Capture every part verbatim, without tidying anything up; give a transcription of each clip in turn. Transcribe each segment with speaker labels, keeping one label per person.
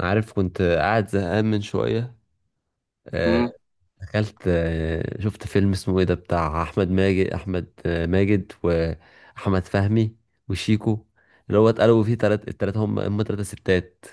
Speaker 1: عارف، كنت قاعد زهقان من شوية. آه،
Speaker 2: مم.
Speaker 1: دخلت، آه، شفت فيلم اسمه ايه ده، بتاع أحمد ماجد أحمد آه، ماجد، وأحمد فهمي وشيكو، اللي هو اتقلبوا فيه تلات التلاتة، هم هم تلاتة ستات.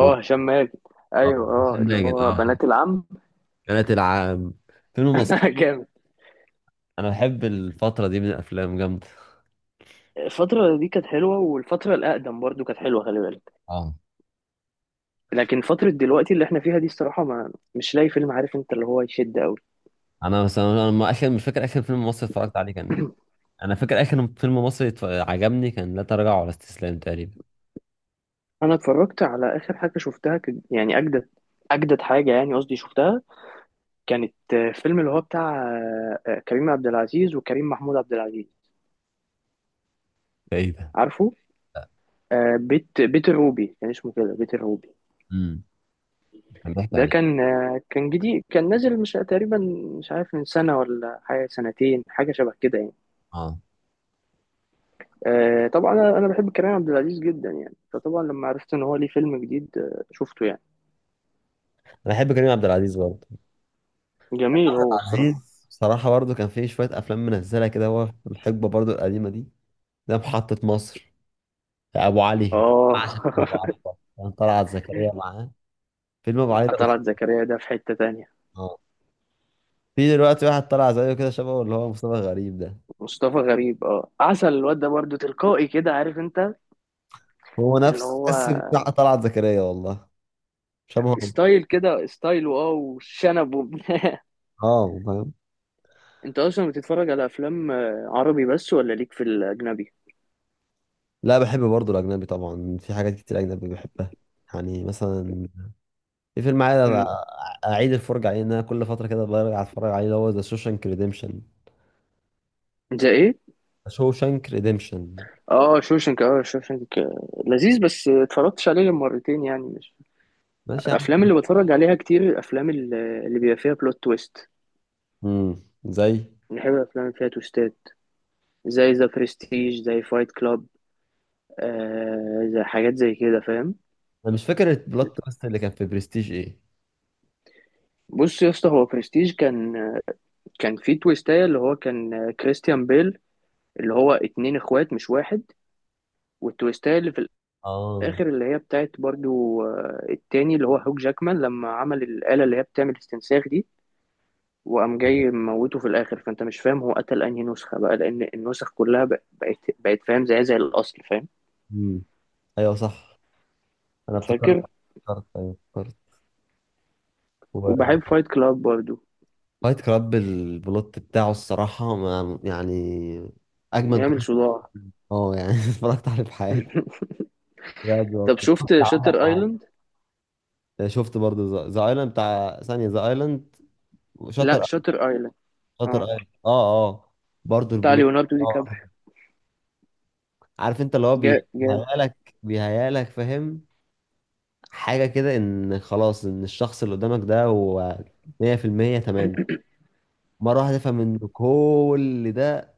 Speaker 1: و
Speaker 2: هشام ماجد.
Speaker 1: آه،
Speaker 2: ايوه،
Speaker 1: أحمد
Speaker 2: اه، اللي
Speaker 1: ماجد،
Speaker 2: هو
Speaker 1: اه
Speaker 2: بنات العم.
Speaker 1: بنات العام، فيلم مصري.
Speaker 2: جامد.
Speaker 1: أنا بحب الفترة دي من الأفلام، جامدة.
Speaker 2: الفترة دي كانت حلوة، والفترة الأقدم برضو كانت حلوة، خلي بالك.
Speaker 1: اه.
Speaker 2: لكن فترة دلوقتي اللي احنا فيها دي الصراحة ما مش لاقي فيلم، عارف انت، اللي هو يشد قوي.
Speaker 1: أنا مثلا أنا ما- آخر، مش فاكر آخر فيلم مصري اتفرجت عليه كان. أنا فاكر آخر فيلم مصري اتف- عجبني كان لا تراجع ولا استسلام تقريبا.
Speaker 2: انا اتفرجت على آخر حاجة شفتها ك- يعني، أجدد أجدد حاجة، يعني قصدي شفتها، كانت آه، فيلم اللي هو بتاع آه، آه، كريم عبد العزيز وكريم محمود عبد العزيز.
Speaker 1: ده ايه ده؟
Speaker 2: عارفه، آه، بيت بيت الروبي كان اسمه كده، بيت الروبي.
Speaker 1: امم. كان بيحكي
Speaker 2: ده
Speaker 1: عن ايه؟
Speaker 2: كان آه، كان جديد، كان نازل، مش تقريبا، مش عارف من سنة ولا حاجة، سنتين، حاجة شبه كده يعني.
Speaker 1: اه.
Speaker 2: آه، طبعا، أنا أنا بحب كريم عبد العزيز جدا يعني، فطبعا لما عرفت إن هو ليه فيلم جديد آه، شفته يعني.
Speaker 1: انا بحب كريم عبد العزيز برضه.
Speaker 2: جميل هو الصراحة.
Speaker 1: عزيز بصراحه برضه كان فيه شويه افلام منزله كده هو في الحقبه برضه القديمه دي. ده محطه مصر، ابو علي.
Speaker 2: آه.
Speaker 1: عشان ابو علي ده كان طلعت زكريا معاه. فيلم ابو علي ده
Speaker 2: طلعت
Speaker 1: أسطورة.
Speaker 2: زكريا ده في حتة تانية.
Speaker 1: اه. في دلوقتي واحد طلع زيه كده، شبهه، اللي هو مصطفى غريب ده.
Speaker 2: مصطفى غريب، آه، عسل، الواد ده برضه تلقائي كده، عارف أنت،
Speaker 1: هو
Speaker 2: اللي
Speaker 1: نفس
Speaker 2: هو
Speaker 1: بس بتاع طلعت زكريا والله. شبهه.
Speaker 2: ستايل كده، ستايل واو وشنب و...
Speaker 1: اه، فاهم.
Speaker 2: أنت أصلا بتتفرج على أفلام آه، عربي بس ولا ليك في الأجنبي؟
Speaker 1: لا، بحب برضه الاجنبي طبعا، في حاجات كتير اجنبي بحبها. يعني مثلا، في فيلم عايز أ-
Speaker 2: مم.
Speaker 1: اعيد الفرجه عليه، ان انا كل فتره كده برجع اتفرج عليه، اللي هو ذا شوشانك ريديمشن.
Speaker 2: زي إيه؟
Speaker 1: شوشانك ريديمشن
Speaker 2: اه، شوشنك، اه شوشنك. لذيذ بس اتفرجتش عليه غير مرتين يعني، مش
Speaker 1: ماشي يا
Speaker 2: الافلام
Speaker 1: عم.
Speaker 2: اللي بتفرج عليها كتير. الافلام اللي اللي بيبقى فيها بلوت تويست،
Speaker 1: امم. زي.
Speaker 2: بنحب الافلام اللي فيها تويستات، زي ذا برستيج، زي فايت كلاب، آه، زي حاجات زي كده، فاهم.
Speaker 1: انا مش فاكر البلوت تويست اللي كان في برستيج ايه.
Speaker 2: بص يا اسطى، هو برستيج كان، كان فيه تويستاية اللي هو كان كريستيان بيل اللي هو اتنين اخوات مش واحد. والتويستاية اللي في
Speaker 1: اه،
Speaker 2: الاخر اللي هي بتاعت برضو آه، التاني اللي هو هوك جاكمان، لما عمل الآلة اللي هي بتعمل استنساخ دي، وقام
Speaker 1: ايوه.
Speaker 2: جاي موته في الاخر، فانت مش فاهم هو قتل انهي نسخه بقى، لان النسخ كلها بق- بقت بقت فاهم، زي زي الاصل، فاهم.
Speaker 1: امم. ايوه، صح. انا افتكرت.
Speaker 2: فاكر.
Speaker 1: افتكرت ايوه، افتكرت. وفايت
Speaker 2: وبحب فايت كلاب برضو.
Speaker 1: كلاب، البلوت بتاعه الصراحه، ما يعني، اجمد
Speaker 2: يعمل
Speaker 1: بلوت.
Speaker 2: صداع.
Speaker 1: اه، يعني اتفرجت عليه في حياتي. بجد
Speaker 2: طب
Speaker 1: والله، شفت
Speaker 2: شفت
Speaker 1: عندك
Speaker 2: شاتر ايلاند.
Speaker 1: حاجة. شفت برضه ذا ايلاند، بتاع ثانيه ذا ايلاند.
Speaker 2: لا،
Speaker 1: وشاتر،
Speaker 2: شاتر ايلاند.
Speaker 1: شاتر
Speaker 2: اه،
Speaker 1: ايلاند، اه اه. برضو
Speaker 2: بتاع
Speaker 1: البلوت.
Speaker 2: ليوناردو دي
Speaker 1: اه،
Speaker 2: كابريو.
Speaker 1: عارف انت، اللي هو
Speaker 2: جا جامد.
Speaker 1: بيهيالك، بيهيالك فاهم، حاجة كده، ان خلاص، ان الشخص اللي قدامك ده هو مية في المية تمام. مرة واحدة تفهم ان كل ده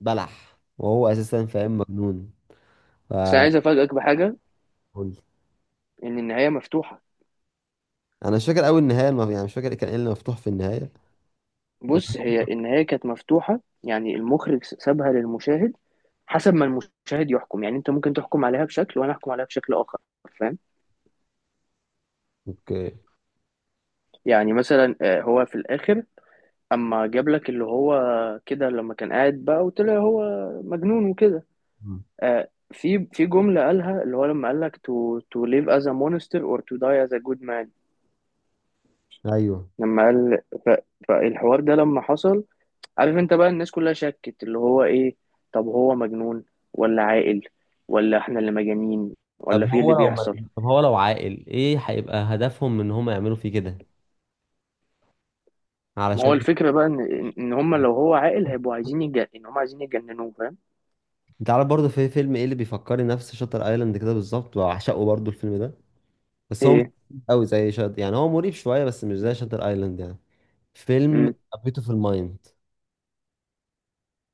Speaker 1: بلح، وهو اساسا فاهم، مجنون. ف.
Speaker 2: بس انا عايز افاجئك بحاجه، ان النهايه مفتوحه.
Speaker 1: انا مش فاكر قوي النهاية المف... يعني مش فاكر كان ايه اللي مفتوح في النهاية. بس.
Speaker 2: بص، هي النهايه كانت مفتوحه، يعني المخرج سابها للمشاهد، حسب ما المشاهد يحكم. يعني انت ممكن تحكم عليها بشكل، وانا احكم عليها بشكل اخر، فاهم.
Speaker 1: اوكي.
Speaker 2: يعني مثلا آه، هو في الاخر، اما جاب لك اللي هو كده، لما كان قاعد بقى وطلع هو مجنون وكده،
Speaker 1: مم.
Speaker 2: آه في في جملة قالها اللي هو، لما قال لك to to live as a monster or to die as a good man.
Speaker 1: ايوه.
Speaker 2: لما قال ف، فالحوار ده لما حصل، عارف انت بقى الناس كلها شكت اللي هو ايه، طب هو مجنون ولا عاقل؟ ولا احنا اللي مجانين
Speaker 1: طب
Speaker 2: ولا في اللي
Speaker 1: هو لو ما...
Speaker 2: بيحصل.
Speaker 1: طب هو لو عاقل، ايه هيبقى هدفهم من ان هم يعملوا فيه كده،
Speaker 2: ما هو
Speaker 1: علشان.
Speaker 2: الفكرة بقى ان ان هم لو هو عاقل هيبقوا عايزين يج... ان هم عايزين يجننوه، فاهم.
Speaker 1: انت عارف برضه في فيلم ايه اللي بيفكرني نفس شاتر ايلاند كده بالظبط، وعشقه برضه الفيلم ده. بس هو مش
Speaker 2: ايه.
Speaker 1: قوي زي شاتر يعني، هو مريب شويه بس مش زي شاتر ايلاند يعني. فيلم في المايند.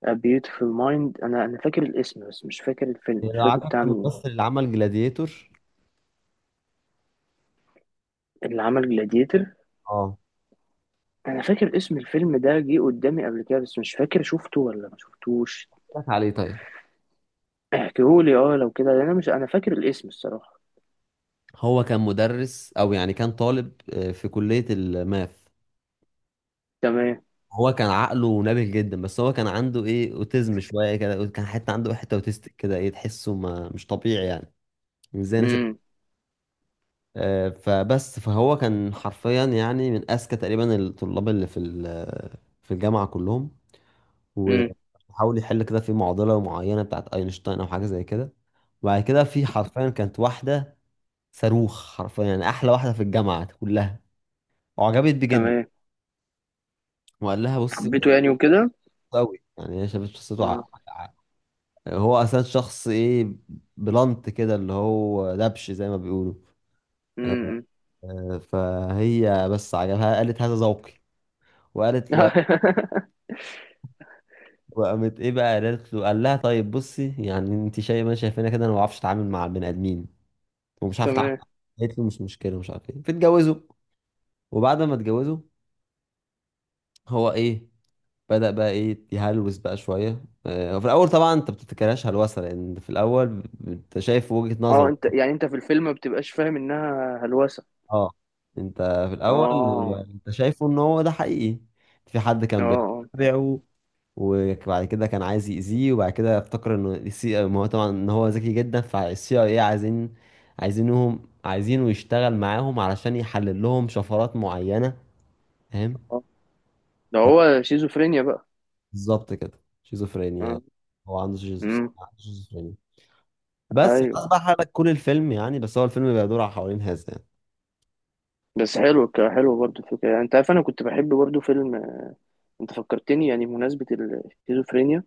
Speaker 2: A Beautiful Mind، انا انا فاكر الاسم بس مش فاكر الفيلم، مش
Speaker 1: لو
Speaker 2: فاكر
Speaker 1: عارف
Speaker 2: بتاع مين.
Speaker 1: الممثل اللي عمل جلاديتور.
Speaker 2: اللي عمل جلاديتر؟
Speaker 1: اه.
Speaker 2: انا فاكر اسم الفيلم ده جه قدامي قبل كده، بس مش فاكر شفته ولا ما شفتوش.
Speaker 1: قلت لك عليه طيب.
Speaker 2: احكيهولي، اه، لو كده، لأن انا مش، انا فاكر الاسم، الصراحة.
Speaker 1: هو كان مدرس او يعني كان طالب آه، في كليه الماث.
Speaker 2: تمام.
Speaker 1: هو كان عقله نابه جدا، بس هو كان عنده ايه اوتيزم شويه كده، كان حتى عنده حته اوتيستيك كده، ايه، تحسه ما مش طبيعي يعني، ازاي ناس.
Speaker 2: امم.
Speaker 1: آه، فبس فهو كان حرفيا يعني من اذكى تقريبا الطلاب اللي في ال- في الجامعه كلهم.
Speaker 2: امم.
Speaker 1: وحاول يحل كده في معضله معينه بتاعت اينشتاين او حاجه زي كده. وبعد كده، في حرفيا كانت واحده صاروخ، حرفيا يعني احلى واحده في الجامعه كلها، وعجبت بيه جدا.
Speaker 2: تمام.
Speaker 1: وقال لها بصي،
Speaker 2: حبيته
Speaker 1: أنا
Speaker 2: يعني وكده.
Speaker 1: قوي يعني، هي شافت شخصيته
Speaker 2: امم.
Speaker 1: ع... ع- هو اصلا شخص ايه، بلانت كده، اللي هو دبش زي ما بيقولوا.
Speaker 2: امم.
Speaker 1: آه، فهي بس عجبها، قالت هذا ذوقي. وقالت. وقامت ايه بقى، قالت له، قال لها طيب بصي، يعني انت شايفه ما شايفانا كده، انا ما بعرفش اتعامل مع البني ادمين، ومش عارف اتعامل.
Speaker 2: تمام.
Speaker 1: قالت له مش مشكله، مش عارف ايه، فاتجوزوا. وبعد ما اتجوزوا، هو ايه، بدأ بقى ايه يهلوس بقى شويه. آه، وفي الاول طبعا انت بتفتكرهاش هلوسه، لان في الاول انت شايف وجهه
Speaker 2: اه
Speaker 1: نظره.
Speaker 2: انت يعني انت في الفيلم ما بتبقاش فاهم انها هلوسة.
Speaker 1: اه. انت في الاول،
Speaker 2: اه.
Speaker 1: انت شايفه ان هو ده حقيقي. في حد
Speaker 2: اه.
Speaker 1: كان
Speaker 2: اه.
Speaker 1: بيتابعه، وبعد كده كان عايز يأذيه، وبعد كده افتكر انه السي آه، ما هو طبعا ان هو ذكي جدا، فالسي اي اي عايزين، عايزينهم، عايزينه يشتغل معاهم علشان يحلل لهم شفرات معينة. فاهم.
Speaker 2: آه. ده هو شيزوفرينيا بقى.
Speaker 1: بالظبط كده، شيزوفرينيا.
Speaker 2: اه.
Speaker 1: هو عنده شيزوف-
Speaker 2: امم.
Speaker 1: عنده شيزوفرينيا. بس خلاص
Speaker 2: ايوه،
Speaker 1: بقى، حرق كل الفيلم يعني، بس هو الفيلم بيدور على حوالين هذا يعني.
Speaker 2: بس حلو، ك- حلو برضه الفكرة، يعني انت عارف انا كنت بحب برضه فيلم، انت فكرتني يعني بمناسبة الشيزوفرينيا،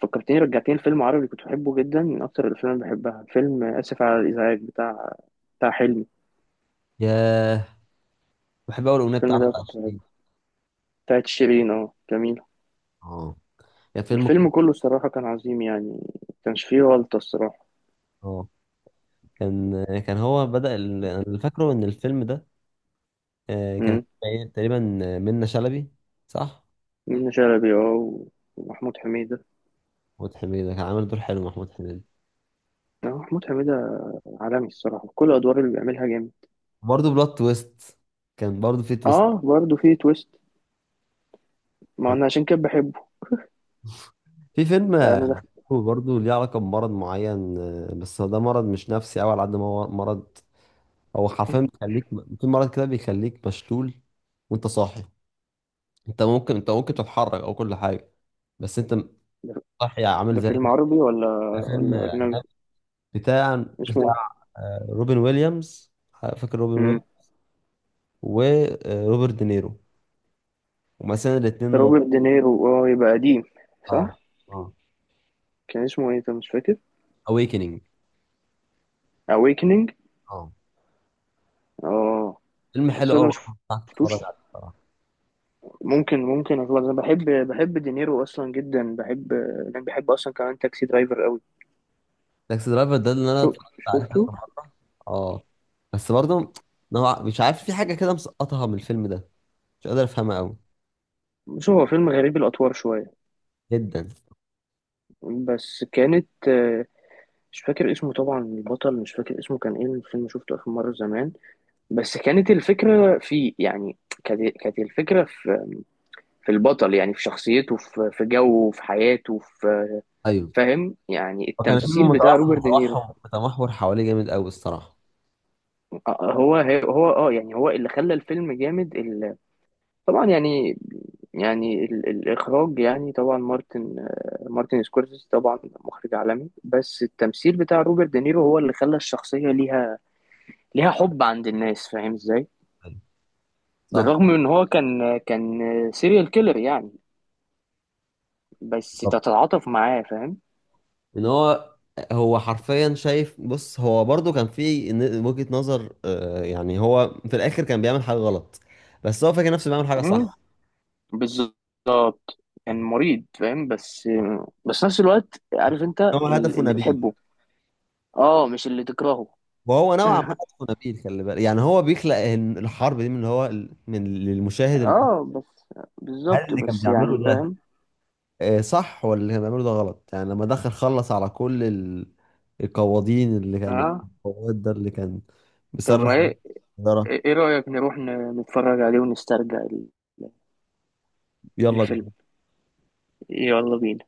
Speaker 2: فكرتني، رجعتني لفيلم عربي كنت بحبه جدا، من اكتر الافلام اللي بحبها، فيلم اسف على الازعاج بتاع بتاع حلمي.
Speaker 1: ياه. بحب اول الاغنيه
Speaker 2: الفيلم
Speaker 1: بتاعت
Speaker 2: ده كنت بحبه،
Speaker 1: عشرين.
Speaker 2: بتاعت شيرين، اه، جميل.
Speaker 1: اه، يا فيلم.
Speaker 2: والفيلم كله الصراحة كان عظيم يعني، ما كانش فيه غلطة الصراحة.
Speaker 1: اه. كان، كان هو بدأ ال- انا اللي فاكره ان الفيلم ده آه، كان
Speaker 2: امم.
Speaker 1: فيه تقريبا منة شلبي، صح.
Speaker 2: منة شلبي، اه، و- ومحمود حميدة.
Speaker 1: محمود حميدة كان عامل دور حلو، محمود حميدة.
Speaker 2: اه، محمود حميدة عالمي الصراحة، كل الأدوار اللي بيعملها جامد.
Speaker 1: برضه بلوت تويست، كان برضه في تويست.
Speaker 2: اه برضه فيه تويست. ما انا عشان كده بحبه.
Speaker 1: في فيلم آه،
Speaker 2: انا
Speaker 1: برضه ليه علاقة بمرض معين، آه، بس هو ده مرض مش نفسي أوي على قد ما هو مرض. هو حرفيا بيخليك، في مرض كده بيخليك مشلول وأنت صاحي. أنت ممكن، أنت ممكن تتحرك أو كل حاجة، بس أنت
Speaker 2: دخلت.
Speaker 1: صاحي، عامل
Speaker 2: ده
Speaker 1: زي.
Speaker 2: فيلم عربي ولا
Speaker 1: فيلم
Speaker 2: ولا أجنبي؟
Speaker 1: بتاع
Speaker 2: اسمه إيه؟
Speaker 1: بتاع آه، روبن ويليامز. آه، فاكر روبن
Speaker 2: مم.
Speaker 1: ويليامز وروبرت دينيرو، ومثلا الاثنين.
Speaker 2: روبرت دينيرو؟ اه، يبقى قديم. صح.
Speaker 1: اه. اه.
Speaker 2: كان اسمه إيه أنت مش فاكر؟
Speaker 1: اويكننج.
Speaker 2: أويكنينج.
Speaker 1: اه.
Speaker 2: اه.
Speaker 1: فيلم حلو
Speaker 2: بس
Speaker 1: قوي
Speaker 2: أنا
Speaker 1: برضه، هتفرج
Speaker 2: مشفتوش.
Speaker 1: عليه بصراحة.
Speaker 2: ممكن ممكن أخلص، أنا بحب بحب دينيرو أصلا جدا، بحب. يعني بحب أصلا كمان تاكسي درايفر أوي.
Speaker 1: تاكسي درايفر ده اللي انا
Speaker 2: شو
Speaker 1: اتفرجت عليه
Speaker 2: شفته.
Speaker 1: كذا مره. اه، بس برضه نوع، مش عارف، في حاجه كده مسقطها من الفيلم ده، مش قادر افهمها قوي.
Speaker 2: بص هو فيلم غريب الأطوار شوية،
Speaker 1: جدا.
Speaker 2: بس كانت آه، مش فاكر اسمه طبعا البطل، مش فاكر اسمه كان ايه الفيلم، شفته آخر مرة زمان. بس كانت الفكرة فيه يعني، كانت كانت الفكرة في، في البطل، يعني في شخصيته، في في جوه، في حياته، في،
Speaker 1: ايوه.
Speaker 2: فاهم يعني،
Speaker 1: وكان فيلم
Speaker 2: التمثيل بتاع
Speaker 1: متوحم
Speaker 2: روبرت دينيرو.
Speaker 1: متوحم متمحور حواليه جامد قوي الصراحه.
Speaker 2: آه، آه، هو، هو اه يعني، هو اللي خلى الفيلم جامد ال- طبعا يعني، يعني ال- الإخراج يعني، طبعا مارتن آه، مارتن سكورسيزي طبعا مخرج عالمي، بس التمثيل بتاع روبرت دينيرو هو اللي خلى الشخصية ليها ليها حب عند الناس، فاهم ازاي.
Speaker 1: أيوة.
Speaker 2: بالرغم
Speaker 1: صح.
Speaker 2: من ان هو كان كان سيريال كيلر يعني، بس
Speaker 1: بالظبط.
Speaker 2: تتعاطف معاه، فاهم.
Speaker 1: ان هو، هو حرفيا شايف، بص هو برضه كان في ن- وجهة نظر، آه، يعني هو في الاخر كان بيعمل حاجة غلط، بس هو فاكر نفسه بيعمل حاجة صح.
Speaker 2: بالظبط. كان مريض فاهم، بس بس نفس الوقت عارف انت
Speaker 1: إن هو
Speaker 2: ال-
Speaker 1: هدفه
Speaker 2: اللي
Speaker 1: نبيل،
Speaker 2: تحبه، اه، مش اللي تكرهه.
Speaker 1: وهو نوعا ما هدفه نبيل، خلي بالك، يعني هو بيخلق إن الحرب دي من هو، من للمشاهد ال-
Speaker 2: اه بس.
Speaker 1: هل
Speaker 2: بالظبط
Speaker 1: اللي كان
Speaker 2: بس
Speaker 1: بيعمله
Speaker 2: يعني
Speaker 1: ده
Speaker 2: فاهم.
Speaker 1: آه، صح، ولا اللي كان بيعمله ده غلط، يعني لما دخل خلص على كل ال- القواضين اللي كان،
Speaker 2: اه
Speaker 1: القواد ده اللي كان
Speaker 2: طب ما
Speaker 1: بيصرح
Speaker 2: ايه،
Speaker 1: بالسيارة.
Speaker 2: ايه رأيك نروح ن- نتفرج عليه ونسترجع ال-
Speaker 1: يلا
Speaker 2: الفيلم.
Speaker 1: بينا.
Speaker 2: يلا بينا.